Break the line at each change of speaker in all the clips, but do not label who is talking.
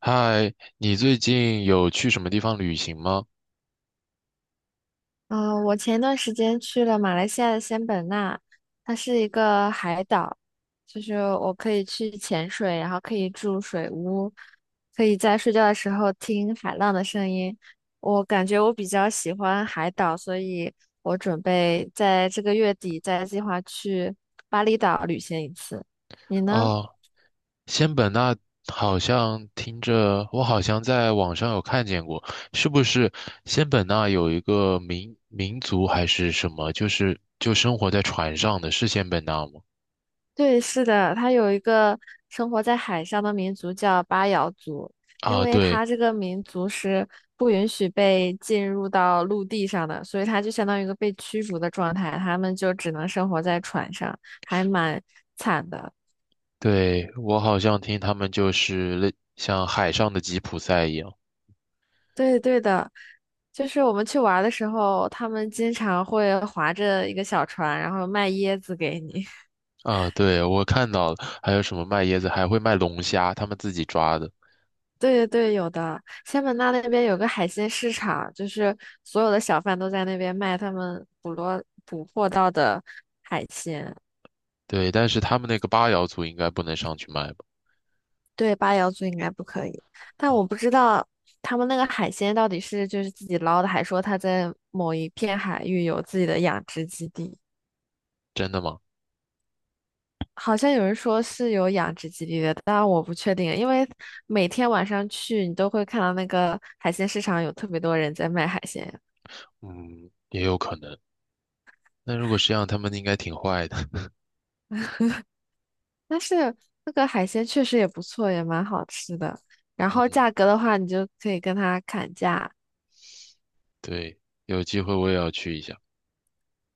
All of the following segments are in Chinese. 嗨，你最近有去什么地方旅行吗？
我前段时间去了马来西亚的仙本那，它是一个海岛，就是我可以去潜水，然后可以住水屋，可以在睡觉的时候听海浪的声音。我感觉我比较喜欢海岛，所以我准备在这个月底再计划去巴厘岛旅行一次。你呢？
哦，仙本那好像听着，我好像在网上有看见过，是不是仙本那有一个民族还是什么，就是就生活在船上的，是仙本那吗？
对，是的，它有一个生活在海上的民族叫巴瑶族，因
啊，
为
对
它这个民族是不允许被进入到陆地上的，所以它就相当于一个被驱逐的状态，他们就只能生活在船上，还蛮惨的。
对，我好像听他们就是类像海上的吉普赛一样。
对对的，就是我们去玩儿的时候，他们经常会划着一个小船，然后卖椰子给你。
啊，对，我看到了，还有什么卖椰子，还会卖龙虾，他们自己抓的。
对对对，有的。仙本那那边有个海鲜市场，就是所有的小贩都在那边卖他们捕获到的海鲜。
对，但是他们那个八瑶族应该不能上去卖吧？
对，八瑶族应该不可以，但我不知道他们那个海鲜到底是就是自己捞的，还说他在某一片海域有自己的养殖基地。
真的吗？
好像有人说是有养殖基地的，但我不确定，因为每天晚上去你都会看到那个海鲜市场有特别多人在卖海鲜。
嗯，也有可能。那如果是这样，他们应该挺坏的。
但是那个海鲜确实也不错，也蛮好吃的。然后
嗯，
价格的话，你就可以跟他砍价。
对，有机会我也要去一下。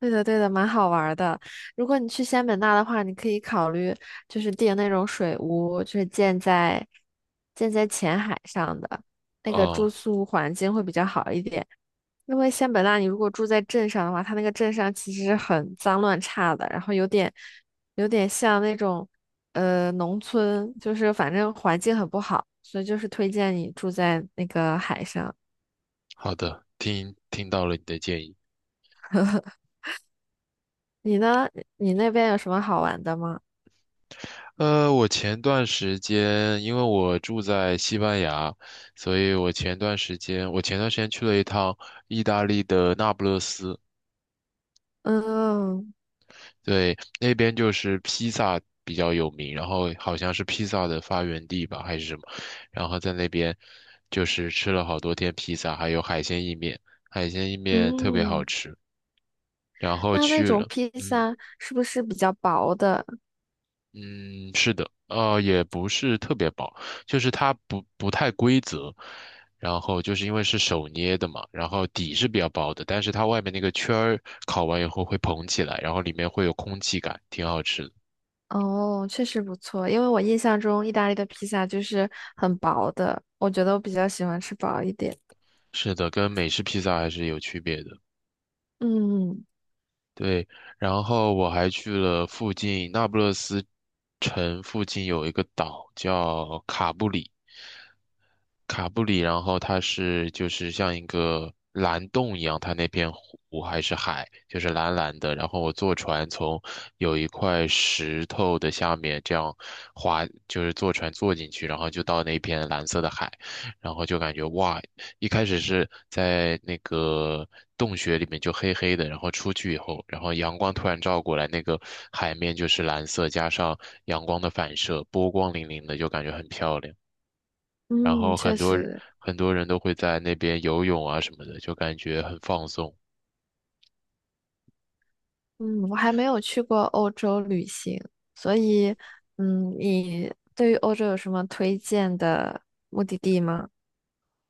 对的，对的，蛮好玩儿的。如果你去仙本那的话，你可以考虑就是订那种水屋，就是建在浅海上的那个住
哦，
宿环境会比较好一点。因为仙本那你如果住在镇上的话，它那个镇上其实很脏乱差的，然后有点像那种农村，就是反正环境很不好，所以就是推荐你住在那个海上。
好的，听到了你的建议。
你呢？你那边有什么好玩的吗？
我前段时间因为我住在西班牙，所以我前段时间去了一趟意大利的那不勒斯。
嗯
对，那边就是披萨比较有名，然后好像是披萨的发源地吧，还是什么，然后在那边就是吃了好多天披萨，还有海鲜意面，海鲜意面特别好
嗯，
吃，然后
那那
去
种
了，
披
嗯
萨是不是比较薄的？
嗯，是的，也不是特别薄，就是它不太规则，然后就是因为是手捏的嘛，然后底是比较薄的，但是它外面那个圈儿烤完以后会膨起来，然后里面会有空气感，挺好吃的。
哦，确实不错，因为我印象中意大利的披萨就是很薄的，我觉得我比较喜欢吃薄一点。
是的，跟美式披萨还是有区别的。
嗯。
对，然后我还去了附近那不勒斯城附近有一个岛叫卡布里，卡布里，然后它是就是像一个蓝洞一样，它那片湖还是海，就是蓝蓝的。然后我坐船从有一块石头的下面这样滑，就是坐船坐进去，然后就到那片蓝色的海，然后就感觉哇，一开始是在那个洞穴里面就黑黑的，然后出去以后，然后阳光突然照过来，那个海面就是蓝色，加上阳光的反射，波光粼粼的，就感觉很漂亮。然
嗯，
后
确
很多人
实，
很多人都会在那边游泳啊什么的，就感觉很放松
嗯，我还没有去过欧洲旅行，所以，你对于欧洲有什么推荐的目的地吗？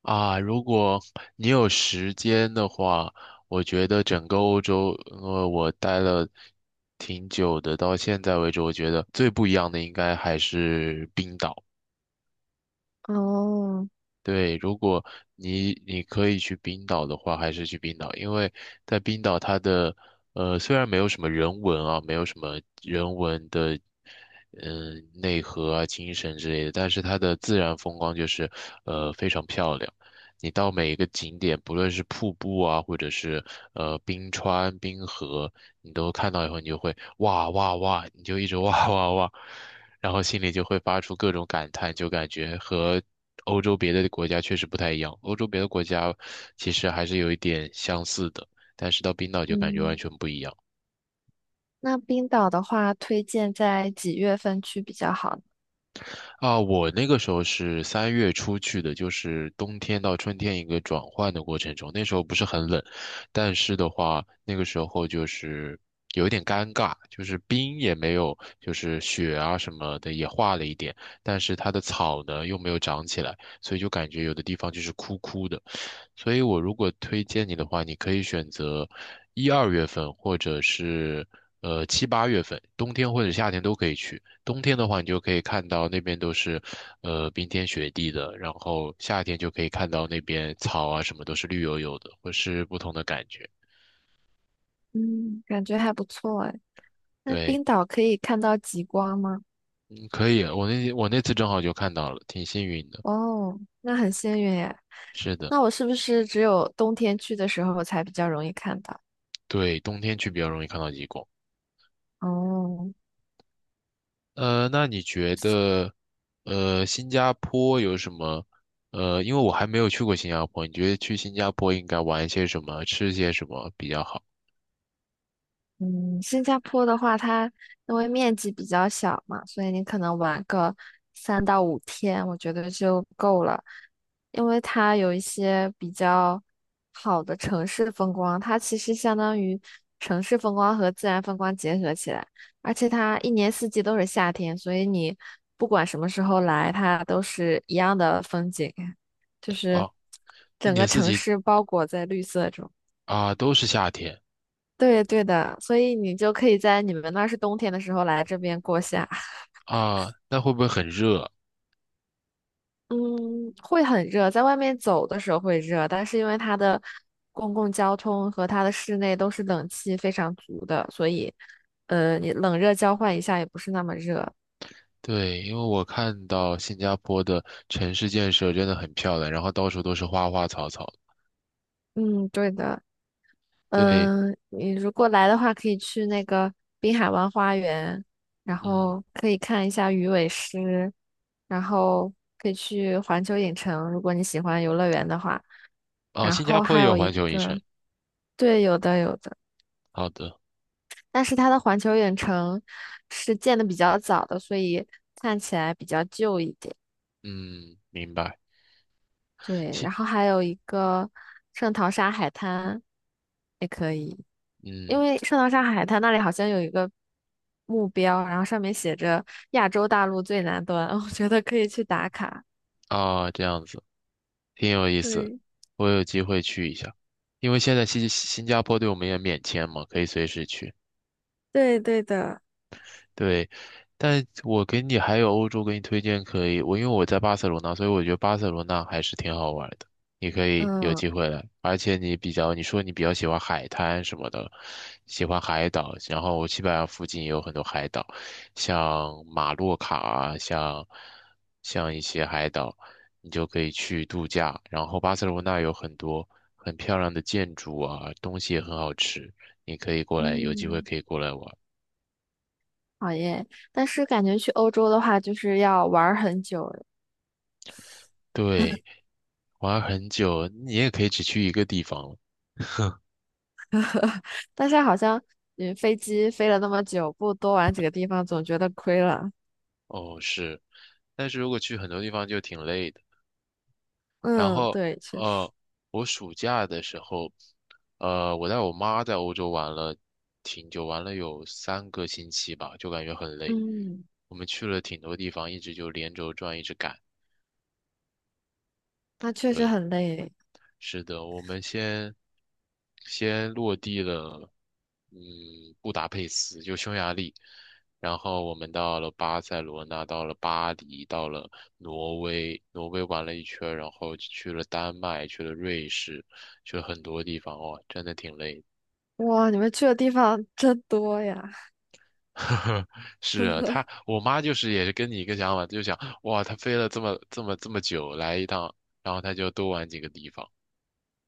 啊。如果你有时间的话，我觉得整个欧洲，我待了挺久的，到现在为止，我觉得最不一样的应该还是冰岛。
哦，
对，如果你可以去冰岛的话，还是去冰岛，因为在冰岛它的虽然没有什么人文啊，没有什么人文的内核啊、精神之类的，但是它的自然风光就是非常漂亮。你到每一个景点，不论是瀑布啊，或者是冰川、冰河，你都看到以后，你就会哇哇哇，你就一直 哇哇哇。然后心里就会发出各种感叹，就感觉和欧洲别的国家确实不太一样。欧洲别的国家其实还是有一点相似的，但是到冰岛就感觉完
嗯，
全不一样。
那冰岛的话，推荐在几月份去比较好呢？
啊，我那个时候是3月初去的，就是冬天到春天一个转换的过程中，那时候不是很冷，但是的话，那个时候就是有一点尴尬，就是冰也没有，就是雪啊什么的也化了一点，但是它的草呢又没有长起来，所以就感觉有的地方就是枯枯的，所以我如果推荐你的话，你可以选择1、2月份或者是7、8月份，冬天或者夏天都可以去。冬天的话，你就可以看到那边都是，冰天雪地的，然后夏天就可以看到那边草啊什么都是绿油油的，会是不同的感觉。
嗯，感觉还不错哎。那
对，
冰岛可以看到极光吗？
嗯可以，我那次正好就看到了，挺幸运的。
哦，那很幸运哎。
是的，
那我是不是只有冬天去的时候才比较容易看到？
对，冬天去比较容易看到极光。
哦。
那你觉得，新加坡有什么？因为我还没有去过新加坡，你觉得去新加坡应该玩些什么，吃些什么比较好？
嗯，新加坡的话，它因为面积比较小嘛，所以你可能玩个3到5天，我觉得就够了。因为它有一些比较好的城市风光，它其实相当于城市风光和自然风光结合起来，而且它一年四季都是夏天，所以你不管什么时候来，它都是一样的风景，就是
啊，一
整个
年四
城
季
市包裹在绿色中。
啊，都是夏天。
对对的，所以你就可以在你们那儿是冬天的时候来这边过夏。
啊，那会不会很热？
嗯，会很热，在外面走的时候会热，但是因为它的公共交通和它的室内都是冷气非常足的，所以你冷热交换一下也不是那么热。
对，因为我看到新加坡的城市建设真的很漂亮，然后到处都是花花草草。
嗯，对的。
对，
你如果来的话，可以去那个滨海湾花园，然
嗯，
后可以看一下鱼尾狮，然后可以去环球影城，如果你喜欢游乐园的话。
哦，
然
新加
后
坡
还
也
有
有
一
环球影城。
个，对，有的有的，
好的，
但是它的环球影城是建的比较早的，所以看起来比较旧一点。
嗯，明白。
对，然
新，
后还有一个圣淘沙海滩。因
嗯，
为圣淘沙海滩那里好像有一个目标，然后上面写着亚洲大陆最南端，我觉得可以去打卡。
啊，这样子挺有意思，
对，
我有机会去一下，因为现在新加坡对我们也免签嘛，可以随时去。
对对的，
对，但我给你还有欧洲给你推荐可以，我因为我在巴塞罗那，所以我觉得巴塞罗那还是挺好玩的。你可以有
嗯
机会来，而且你比较，你说你比较喜欢海滩什么的，喜欢海岛，然后西班牙附近也有很多海岛，像马洛卡啊，像一些海岛，你就可以去度假。然后巴塞罗那有很多很漂亮的建筑啊，东西也很好吃，你可以过来，有机会
嗯，
可以过来玩。
好耶！但是感觉去欧洲的话，就是要玩儿很久，
对，玩很久，你也可以只去一个地方了。
但是好像飞机飞了那么久，不多玩几个地方，总觉得亏了。
哦，是，但是如果去很多地方就挺累的。然
嗯，
后，
对，确实，
呃，我暑假的时候，我带我妈在欧洲玩了挺久，玩了有3个星期吧，就感觉很累。
嗯，
我们去了挺多地方，一直就连轴转，一直赶。
那确实
对。
很累。
是的，我们先落地了，嗯，布达佩斯就匈牙利，然后我们到了巴塞罗那，到了巴黎，到了挪威，挪威玩了一圈儿然后去了丹麦，去了瑞士，去了很多地方，哇，真的挺累的。
哇，你们去的地方真多呀！
是啊，她我妈就是也是跟你一个想法，就想哇，她飞了这么这么这么久来一趟，然后她就多玩几个地方，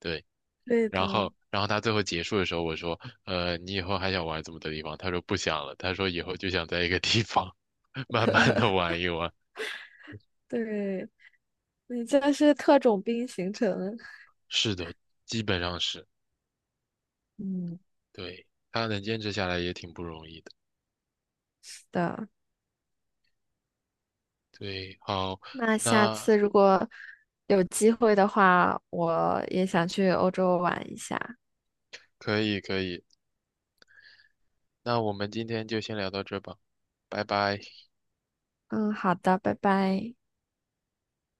对。
对
然
的，
后，然后他最后结束的时候，我说，你以后还想玩这么多地方？他说不想了，他说以后就想在一个地方 慢慢的玩一玩。
对。你这是特种兵行程。
是的，基本上是，
嗯，
对，他能坚持下来也挺不容易的。
是的。
对，好，
那下
那
次如果有机会的话，我也想去欧洲玩一下。
可以可以，那我们今天就先聊到这吧，拜拜。
嗯，好的，拜拜。